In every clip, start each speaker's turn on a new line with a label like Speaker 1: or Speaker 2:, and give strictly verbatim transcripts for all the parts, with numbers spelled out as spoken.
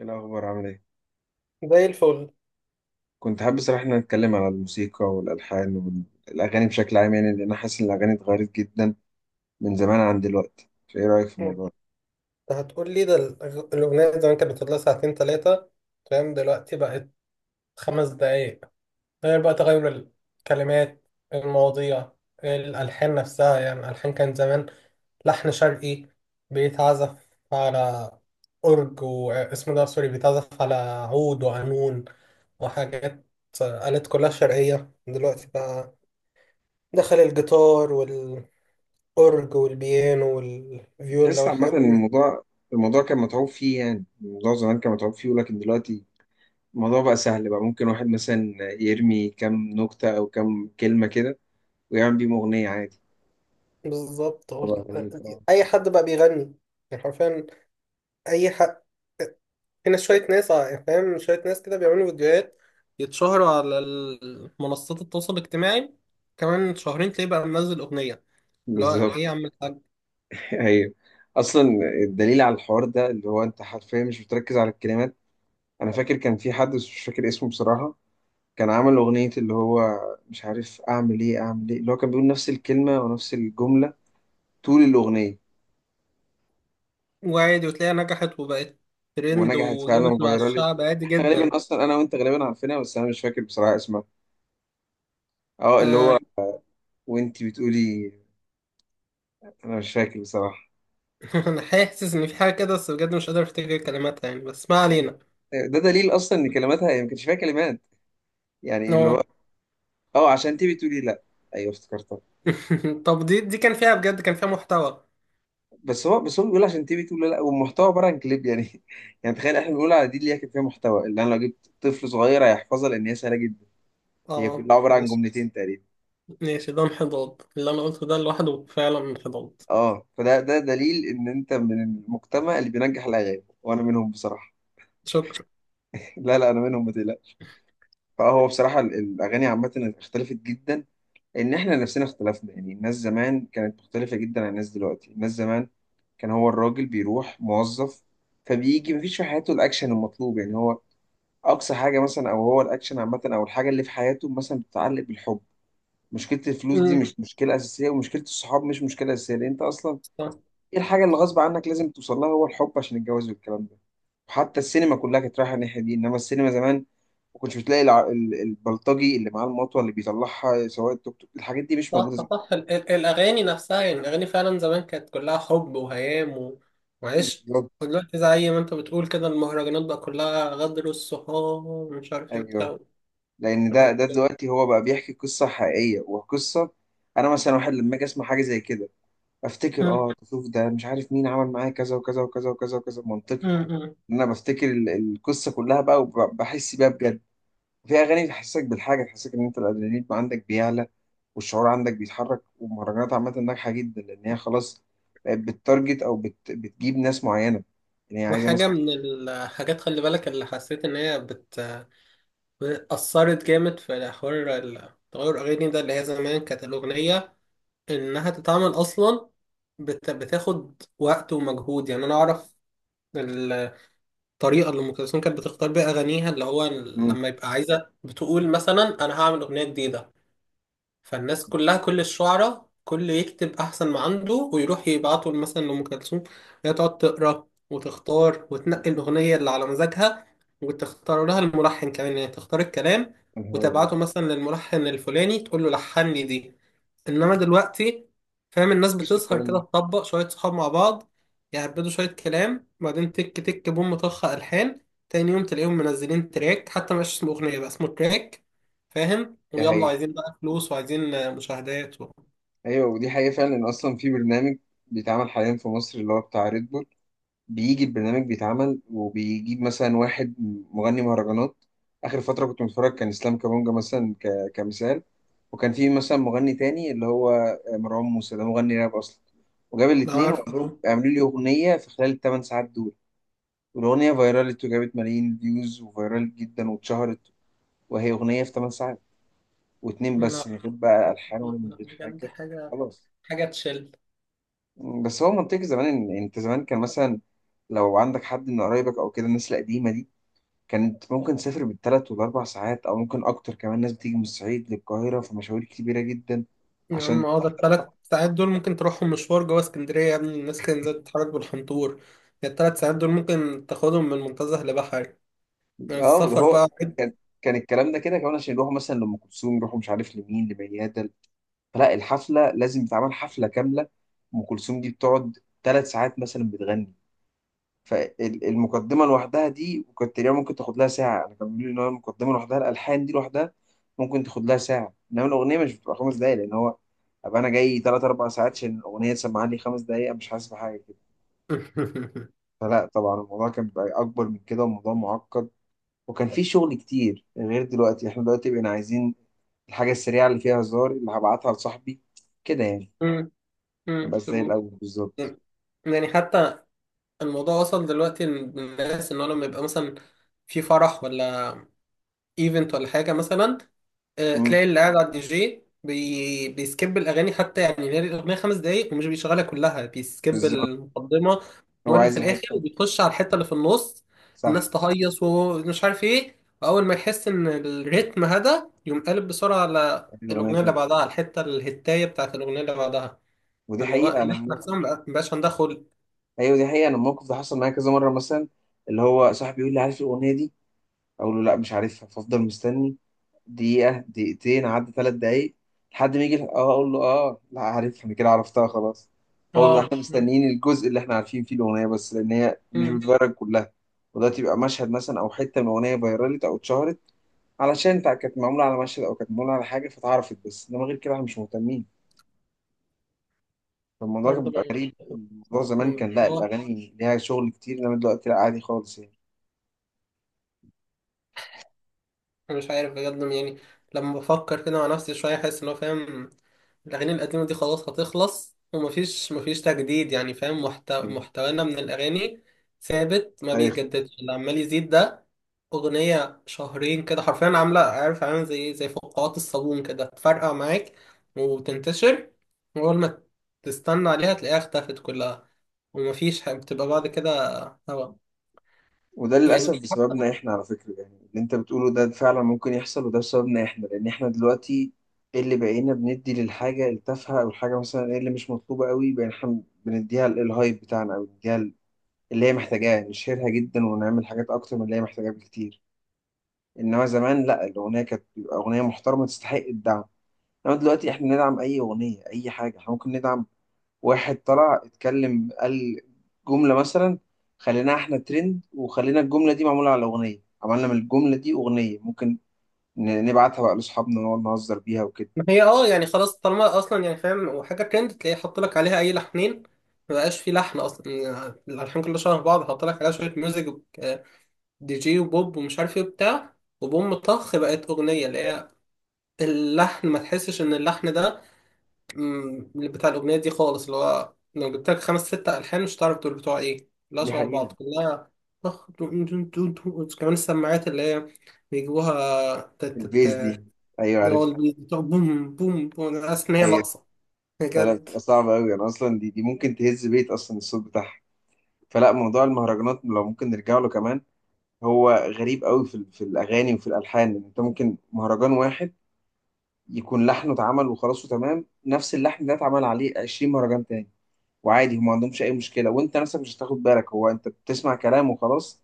Speaker 1: ايه الاخبار؟ عامل ايه؟
Speaker 2: زي الفل.
Speaker 1: كنت حابب صراحه ان نتكلم على الموسيقى والالحان والاغاني بشكل عام، يعني لان انا حاسس ان الاغاني اتغيرت جدا من زمان عن دلوقتي، فايه رايك في
Speaker 2: انت
Speaker 1: الموضوع؟
Speaker 2: هتقول لي ده الأغ- الأغنية زمان كانت بتطلع ساعتين ثلاثة، فاهم؟ دلوقتي بقت خمس دقايق، غير بقى تغير الكلمات، المواضيع، الألحان نفسها. يعني الألحان كان زمان لحن شرقي بيتعزف على أورج، واسمه ده سوري، بيتعزف على عود وقانون وحاجات، آلات كلها شرقية. دلوقتي بقى دخل الجيتار والأورج والبيانو
Speaker 1: ده
Speaker 2: والفيولا
Speaker 1: تحس عامه
Speaker 2: والحاجات.
Speaker 1: ان الموضوع الموضوع كان متعوب فيه، يعني الموضوع زمان كان متعوب فيه ولكن دلوقتي الموضوع بقى سهل، بقى ممكن واحد مثلا يرمي كام نكته او كام كلمه كده ويعمل بيهم اغنيه عادي.
Speaker 2: بالظبط، هو
Speaker 1: طبعا غريب.
Speaker 2: ال-
Speaker 1: آه.
Speaker 2: اي حد بقى بيغني، يعني حرفيا اي حد. هنا شويه ناس ع- يعني فاهم، شويه ناس كده بيعملوا فيديوهات يتشهروا على ال- منصات التواصل الاجتماعي، كمان شهرين تلاقيه بقى منزل اغنيه، اللي هو
Speaker 1: بالظبط.
Speaker 2: ايه يا عم الحاج.
Speaker 1: ايوه اصلا الدليل على الحوار ده اللي هو انت حرفيا مش بتركز على الكلمات. انا فاكر كان في حد بس مش فاكر اسمه بصراحه، كان عمل أغنية اللي هو مش عارف أعمل إيه أعمل إيه، اللي هو كان بيقول نفس الكلمة ونفس الجملة طول الأغنية،
Speaker 2: وعادي، وتلاقيها نجحت وبقت ترند
Speaker 1: ونجحت فعلا
Speaker 2: وجابت مع
Speaker 1: وفايرال لي.
Speaker 2: الشعب عادي
Speaker 1: إحنا غالبا
Speaker 2: جدا.
Speaker 1: أصلا أنا وأنت غالبا عارفينها بس أنا مش فاكر بصراحة اسمها. أه اللي
Speaker 2: آه.
Speaker 1: هو، وأنت بتقولي أنا مش فاكر بصراحة.
Speaker 2: انا حاسس ان في حاجه كده، بس بجد مش قادر افتكر كلماتها يعني، بس ما علينا.
Speaker 1: ده دليل أصلا إن كلماتها، هي ما كانش فيها كلمات يعني اللي
Speaker 2: آه.
Speaker 1: هو أه، عشان أنت بتقولي لأ. أيوه افتكرتها.
Speaker 2: طب دي دي كان فيها بجد، كان فيها محتوى.
Speaker 1: بس هو بس هو بيقول عشان أنت بتقولي لأ، والمحتوى عبارة عن كليب يعني. يعني تخيل إحنا بنقول على دي اللي هي كانت فيها محتوى، اللي أنا لو جبت طفل صغير هيحفظها لأن هي سهلة جدا. هي
Speaker 2: اه.
Speaker 1: كلها عبارة عن جملتين تقريبا.
Speaker 2: ماشي، ده انحدار، اللي انا قلته ده لوحده فعلا انحدار.
Speaker 1: اه فده ده دليل ان انت من المجتمع اللي بينجح الاغاني، وانا منهم بصراحه.
Speaker 2: شكرا.
Speaker 1: لا لا انا منهم ما تقلقش. فهو بصراحه ال- الاغاني عامه اختلفت جدا. ان احنا نفسنا اختلفنا، يعني الناس زمان كانت مختلفه جدا عن الناس دلوقتي. الناس زمان كان هو الراجل بيروح موظف، فبيجي مفيش في حياته الاكشن المطلوب، يعني هو اقصى حاجه مثلا، او هو الاكشن عامه او الحاجه اللي في حياته مثلا بتتعلق بالحب. مشكله الفلوس دي
Speaker 2: امم.
Speaker 1: مش مشكله اساسيه، ومشكله الصحاب مش مشكله اساسيه، لان انت اصلا
Speaker 2: صح،
Speaker 1: ايه الحاجة اللي
Speaker 2: صح،
Speaker 1: غصب عنك لازم توصل لها؟ هو الحب عشان الجواز والكلام ده. وحتى السينما كلها كانت رايحة الناحية دي، انما السينما زمان ما كنتش بتلاقي الع... ال- البلطجي اللي معاه المطوة اللي بيطلعها سواق التوك توك. الحاجات دي مش
Speaker 2: صح،
Speaker 1: موجودة زمان.
Speaker 2: صح. ال- ال- الاغاني نفسها، يعني الاغاني فعلا زمان كانت كلها حب وهيام و- وعشق.
Speaker 1: بالظبط.
Speaker 2: ودلوقتي زي ما انت بتقول كده، المهرجانات بقى كلها غدر الصحاب ومش عارف ايه
Speaker 1: ايوه
Speaker 2: وبتاع،
Speaker 1: لان
Speaker 2: حاجات
Speaker 1: ده ده
Speaker 2: كده.
Speaker 1: دلوقتي هو بقى بيحكي قصة حقيقية وقصة. انا مثلا واحد لما اجي اسمع حاجة زي كده افتكر،
Speaker 2: امم.
Speaker 1: اه شوف ده، مش عارف مين عمل معايا كذا وكذا وكذا وكذا وكذا، منطقي.
Speaker 2: امم.
Speaker 1: ان انا بفتكر ال- القصة كلها بقى وبحس بيها بجد. في اغاني تحسسك بالحاجه، تحسسك ان انت الادرينالين عندك بيعلى والشعور عندك بيتحرك. والمهرجانات عامه ناجحه جدا، لان هي خلاص بقت بتتارجت او بت... بتجيب ناس معينه. يعني هي عايزه ناس.
Speaker 2: وحاجة من الحاجات خلي بالك، اللي حسيت إن هي بت... أثرت جامد في حوار ال- تغير الأغاني ده، اللي هي زمان كانت الأغنية انها تتعمل اصلا بت... بتاخد وقت ومجهود. يعني انا اعرف الطريقه اللي ام كلثوم كانت بتختار بيها اغانيها، اللي هو
Speaker 1: امم
Speaker 2: لما يبقى عايزه بتقول مثلا انا هعمل اغنيه جديده، فالناس كلها، كل الشعراء، كل يكتب احسن ما عنده ويروح يبعته مثلا لأم كلثوم. هي تقعد تقرا وتختار وتنقي الاغنيه اللي على مزاجها، وتختار لها الملحن كمان، يعني تختار الكلام
Speaker 1: يا نهار
Speaker 2: وتبعته
Speaker 1: أبيض.
Speaker 2: مثلا للملحن الفلاني تقول له لحن لي دي. انما دلوقتي فاهم، الناس
Speaker 1: مفيش
Speaker 2: بتسهر
Speaker 1: الكلام
Speaker 2: كده
Speaker 1: ده.
Speaker 2: تطبق شويه صحاب مع بعض، يهبدوا شويه كلام، وبعدين تك تك بوم طخ الحان. تاني يوم تلاقيهم منزلين تراك، حتى مش اسمه اغنيه بقى، اسمه تراك، فاهم؟
Speaker 1: دي
Speaker 2: ويلا
Speaker 1: حقيقه.
Speaker 2: عايزين بقى فلوس وعايزين مشاهدات و...
Speaker 1: ايوه ودي حقيقه فعلا، ان اصلا في برنامج بيتعمل حاليا في مصر، اللي هو بتاع ريد بول، بيجي البرنامج بيتعمل وبيجيب مثلا واحد مغني مهرجانات. آخر فترة كنت متفرج كان إسلام كابونجا مثلا، ك... كمثال. وكان في مثلا مغني تاني اللي هو آه، مروان موسى، ده مغني راب أصلا. وجاب
Speaker 2: أنا
Speaker 1: الاتنين
Speaker 2: عارف
Speaker 1: وقال لهم
Speaker 2: أهو.
Speaker 1: اعملوا لي أغنية في خلال الثمان ساعات دول. والأغنية فيرالت وجابت ملايين فيوز وفيرالت جدا واتشهرت، وهي أغنية في ثمان ساعات، واتنين بس،
Speaker 2: لا،
Speaker 1: من غير بقى
Speaker 2: لا،
Speaker 1: ألحان
Speaker 2: لا،
Speaker 1: ولا من
Speaker 2: لا،
Speaker 1: غير
Speaker 2: بجد
Speaker 1: حاجة
Speaker 2: حاجة،
Speaker 1: خلاص.
Speaker 2: حاجة تشل.
Speaker 1: بس هو منطقي زمان، إن أنت زمان كان مثلا لو عندك حد من قرايبك أو كده، الناس القديمة دي كانت ممكن تسافر بالثلاث والاربع ساعات، او ممكن اكتر كمان، ناس بتيجي من الصعيد للقاهره في مشاوير كبيره جدا.
Speaker 2: يا عم
Speaker 1: عشان
Speaker 2: اه، ده التلات ساعات دول ممكن تروحهم مشوار جوه اسكندرية يا ابني، الناس كانت زي تتحرك بالحنطور. ده التلات ساعات دول ممكن تاخدهم من منتزه لبحري، يعني
Speaker 1: اه ده
Speaker 2: السفر
Speaker 1: هو،
Speaker 2: بقى.
Speaker 1: كان كان الكلام ده كده كمان عشان يروحوا مثلا لام كلثوم، يروحوا مش عارف لمين، لميادة. فلا الحفله لازم تتعمل حفله كامله. ام كلثوم دي بتقعد ثلاث ساعات مثلا بتغني. فالمقدمه لوحدها دي كنت تقريبا ممكن تاخد لها ساعه، انا كان بيقولوا لي ان هو المقدمه لوحدها، الالحان دي لوحدها ممكن تاخد لها ساعه، انما الاغنيه مش بتبقى خمس دقايق، لان هو ابقى انا جاي ثلاث اربع ساعات عشان الاغنيه تسمعني لي خمس دقايق مش حاسس بحاجه كده. فلا طبعا الموضوع كان بيبقى اكبر من كده، والموضوع معقد وكان في شغل كتير غير دلوقتي. احنا دلوقتي بقينا عايزين الحاجه السريعه اللي فيها هزار، اللي هبعتها لصاحبي كده يعني.
Speaker 2: أمم. أمم.
Speaker 1: مبقاش زي
Speaker 2: تقول.
Speaker 1: الاول بالظبط.
Speaker 2: يعني حتى الموضوع وصل دلوقتي للناس ان هو لما يبقى مثلا في فرح ولا ايفنت ولا حاجه مثلا، آه،
Speaker 1: مم،
Speaker 2: تلاقي اللي قاعد على الدي جي بي... بيسكيب الاغاني حتى، يعني هي الاغنيه خمس دقايق ومش بيشغلها كلها، بيسكيب
Speaker 1: بالظبط.
Speaker 2: المقدمه
Speaker 1: هو
Speaker 2: واللي في
Speaker 1: عايز
Speaker 2: الاخر
Speaker 1: الحته دي.
Speaker 2: وبيخش على الحته اللي في النص،
Speaker 1: صح.
Speaker 2: الناس تهيص ومش عارف ايه. واول ما يحس ان الريتم هدا يقوم قالب بسرعه على
Speaker 1: يعني الاغنيه
Speaker 2: الاغنيه اللي
Speaker 1: دي.
Speaker 2: بعدها، على الحته الهتايه بتاعت الاغنيه اللي بعدها،
Speaker 1: ودي
Speaker 2: اللي هو
Speaker 1: حقيقه
Speaker 2: الناس
Speaker 1: انا.
Speaker 2: نفسها ما بقاش عندها خلق.
Speaker 1: ايوه دي حقيقه، انا الموقف ده حصل معايا كذا مره مثلا، اللي هو صاحبي يقول لي عارف الاغنيه دي، اقول له لا مش عارفها، فافضل مستني دقيقه دقيقتين، عدى ثلاث دقايق، لحد ما يجي اه اقول له اه لا عارفها انا، كده عرفتها خلاص. فهو بيبقى
Speaker 2: اه.
Speaker 1: احنا مستنيين الجزء اللي احنا عارفين فيه الاغنيه بس، لان هي مش
Speaker 2: مم.
Speaker 1: بتتغير كلها. ودلوقتي يبقى مشهد مثلا او حته من الاغنيه فيرالت او اتشهرت، علشان تع- كانت معموله على مشهد او كانت معموله على حاجه فتعرفت بس، انما غير كده احنا مش مهتمين. فالموضوع كان
Speaker 2: برضه
Speaker 1: بيبقى
Speaker 2: بقى-
Speaker 1: غريب. الموضوع زمان كان لا،
Speaker 2: بصراحة،
Speaker 1: الأغاني ليها شغل كتير، إنما دلوقتي لا عادي خالص يعني.
Speaker 2: مش عارف بجد يعني، لما بفكر كده مع نفسي شوية أحس إن هو فاهم، الأغاني القديمة دي خلاص هتخلص، ومفيش مفيش تجديد، يعني فاهم، محتو... محتوانا من الأغاني ثابت ما
Speaker 1: هيخلص.
Speaker 2: بيتجددش، اللي عمال يزيد ده أغنية شهرين كده حرفيا عاملة، عارف، عاملة زي زي فقاعات الصابون كده، تفرقع معاك وتنتشر، وأول ما تستنى عليها تلاقيها اختفت كلها، ومفيش ح- بتبقى بعد كده هوا.
Speaker 1: وده
Speaker 2: يعني
Speaker 1: للأسف بسببنا إحنا، على فكرة، يعني اللي أنت بتقوله ده فعلا ممكن يحصل، وده بسببنا إحنا لأن إحنا دلوقتي إيه اللي بقينا بندي للحاجة التافهة، أو الحاجة مثلا إيه اللي مش مطلوبة قوي بقينا إحنا بنديها ال- الهايب بتاعنا، أو بنديها ال- اللي هي محتاجاه، نشهرها جدا ونعمل حاجات أكتر من اللي هي محتاجاه بكتير. إنما زمان لا، الأغنية كانت بتبقى أغنية محترمة تستحق الدعم، إنما دلوقتي إحنا ندعم أي أغنية، أي حاجة إحنا ممكن ندعم. واحد طلع اتكلم قال جملة مثلا، خليناها احنا ترند وخلينا الجملة دي معمولة على أغنية، عملنا من الجملة دي أغنية ممكن ن- نبعتها بقى لأصحابنا ونقعد نهزر بيها وكده.
Speaker 2: ما هي اه، يعني خلاص طالما اصلا، يعني فاهم، وحاجه ترند تلاقيه حط لك عليها اي لحنين، ما بقاش في لحن اصلا، يعني الالحان كلها شبه بعض، حط لك عليها شويه ميوزك، آه، دي جي وبوب ومش عارف ايه وبتاع وبوم طخ بقت اغنيه. اللي هي اللحن، ما تحسش ان اللحن ده، مم، اللي بتاع الاغنيه دي خالص، اللي هو لو جبت لك خمس ست الحان مش هتعرف دول بتوع ايه، كلها
Speaker 1: دي
Speaker 2: شبه
Speaker 1: حقيقة.
Speaker 2: بعض، كلها طخ دو- دو- دو- دو. كمان السماعات اللي هي بيجيبوها تت-
Speaker 1: البيز
Speaker 2: تت-
Speaker 1: دي. أيوة
Speaker 2: اللي هو
Speaker 1: عارف.
Speaker 2: اللي بتوع بوم بوم بوم، انا حاسس ان هي
Speaker 1: أيوة.
Speaker 2: ناقصه
Speaker 1: لا لا
Speaker 2: بجد.
Speaker 1: بتبقى صعبة أوي، أنا أصلا دي دي ممكن تهز بيت أصلا الصوت بتاعها. فلا موضوع المهرجانات لو ممكن نرجع له كمان، هو غريب أوي في, ال- في الأغاني وفي الألحان، إن أنت ممكن مهرجان واحد يكون لحنه اتعمل وخلاص وتمام، نفس اللحن ده اتعمل عليه عشرين مهرجان تاني وعادي، هم ما عندهمش اي مشكله، وانت نفسك مش هتاخد بالك هو انت بتسمع كلام وخلاص.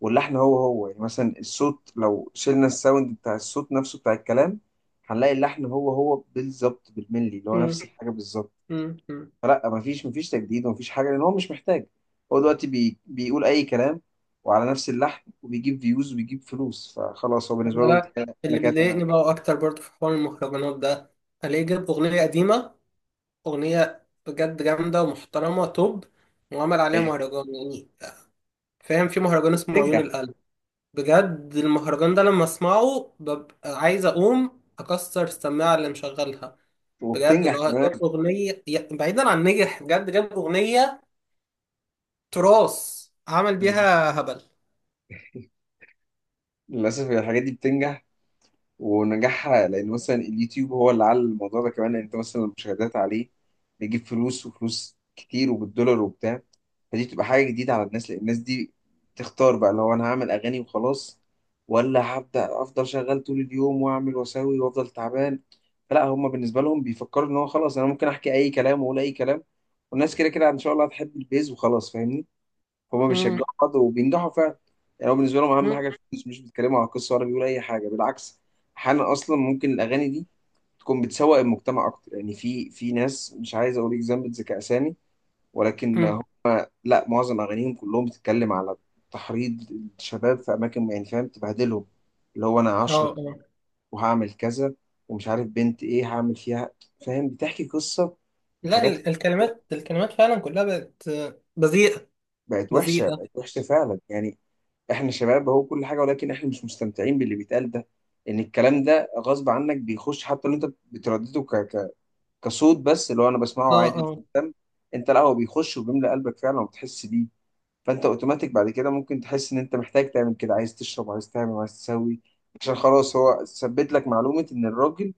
Speaker 1: واللحن هو هو، يعني مثلا الصوت لو شلنا الساوند بتاع الصوت نفسه بتاع الكلام، هنلاقي اللحن هو هو بالظبط بالملي، اللي هو نفس
Speaker 2: مم.
Speaker 1: الحاجه بالظبط.
Speaker 2: مم. مم.
Speaker 1: فلا مفيش مفيش تجديد ومفيش حاجه، لان هو مش محتاج. هو دلوقتي بي بيقول اي كلام وعلى نفس اللحن، وبيجيب فيوز وبيجيب فلوس، فخلاص هو بالنسبه
Speaker 2: والله
Speaker 1: له انت
Speaker 2: لا.
Speaker 1: كده انا
Speaker 2: اللي
Speaker 1: كده تمام.
Speaker 2: بيضايقني بقى اكتر برضه في حوار المهرجانات ده، الاقيه جاب اغنيه قديمه، اغنيه بجد جامده ومحترمه توب، وعمل عليها مهرجان، يعني فاهم، في مهرجان اسمه عيون
Speaker 1: بتنجح.
Speaker 2: القلب، بجد المهرجان ده لما اسمعه ببقى عايز اقوم اكسر السماعه اللي مشغلها. بجد اللي
Speaker 1: وبتنجح
Speaker 2: هو
Speaker 1: كمان.
Speaker 2: جاب اغنيه يا- بعيدا عن نجح، بجد جاب اغنيه تراث عمل بيها هبل.
Speaker 1: للاسف الحاجات دي بتنجح، ونجاحها لان مثلا اليوتيوب هو اللي على الموضوع ده كمان، لأن انت مثلا المشاهدات عليه بيجيب فلوس، وفلوس كتير وبالدولار وبتاع. فدي بتبقى حاجه جديده على الناس، لان الناس دي تختار بقى، لو انا هعمل اغاني وخلاص، ولا هبدا افضل شغال طول اليوم واعمل واسوي وافضل تعبان. فلا هم بالنسبه لهم بيفكروا ان هو خلاص انا ممكن احكي اي كلام واقول اي كلام، والناس كده كده ان شاء الله هتحب البيز وخلاص، فاهمني. هما
Speaker 2: مم.
Speaker 1: بيشجعوا بعض وبينجحوا فعلا. يعني هو بالنسبة لهم أهم
Speaker 2: مم.
Speaker 1: حاجة الفلوس، مش بيتكلموا على القصة ولا بيقولوا أي حاجة، بالعكس. أحيانا أصلا ممكن الأغاني دي تكون بتسوق المجتمع أكتر، يعني في في ناس، مش عايز أقول إكزامبل ذكاء أسامي، ولكن
Speaker 2: مم.
Speaker 1: هو- لا معظم أغانيهم كلهم بتتكلم على تحريض الشباب في أماكن، يعني فاهم تبهدلهم، اللي هو أنا
Speaker 2: اه.
Speaker 1: هشرب
Speaker 2: آه.
Speaker 1: وهعمل كذا ومش عارف بنت إيه هعمل فيها، فاهم، بتحكي قصة
Speaker 2: لا،
Speaker 1: حاجات.
Speaker 2: ال- الكلمات، الكلمات فعلا كلها بقت بذيئة،
Speaker 1: بقت وحشة،
Speaker 2: بذيئة.
Speaker 1: بقت وحشة فعلا يعني، احنا شباب هو كل حاجة، ولكن احنا مش مستمتعين باللي بيتقال ده. ان الكلام ده غصب عنك بيخش، حتى لو انت بتردده ك... ك... كصوت بس، اللي هو انا بسمعه
Speaker 2: اه،
Speaker 1: عادي مش
Speaker 2: اه.
Speaker 1: مهتم. انت لا هو بيخش وبيملى قلبك فعلا وبتحس بيه. فانت اوتوماتيك بعد كده ممكن تحس ان انت محتاج تعمل كده، عايز تشرب عايز تعمل عايز تسوي، عشان خلاص هو ثبت لك معلومة ان الراجل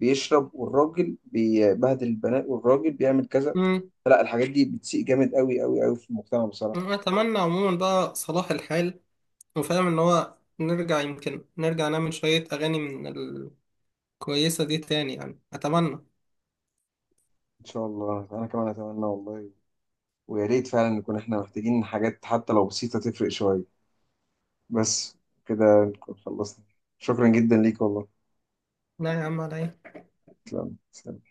Speaker 1: بيشرب والراجل بيبهدل البنات والراجل بيعمل كذا.
Speaker 2: امم.
Speaker 1: لا الحاجات دي بتسيء جامد، قوي قوي قوي، في المجتمع بصراحة.
Speaker 2: أتمنى عموما بقى صلاح الحال، وفاهم إن هو نرجع، يمكن نرجع نعمل شوية أغاني من الكويسة دي تاني، يعني أتمنى.
Speaker 1: ان شاء الله، انا كمان اتمنى والله، ويا ريت فعلا نكون، احنا محتاجين حاجات حتى لو بسيطة تفرق شوية بس كده نكون خلصنا. شكرا جدا ليك والله.
Speaker 2: لا يا عم، على إيه؟
Speaker 1: تسلم تسلم.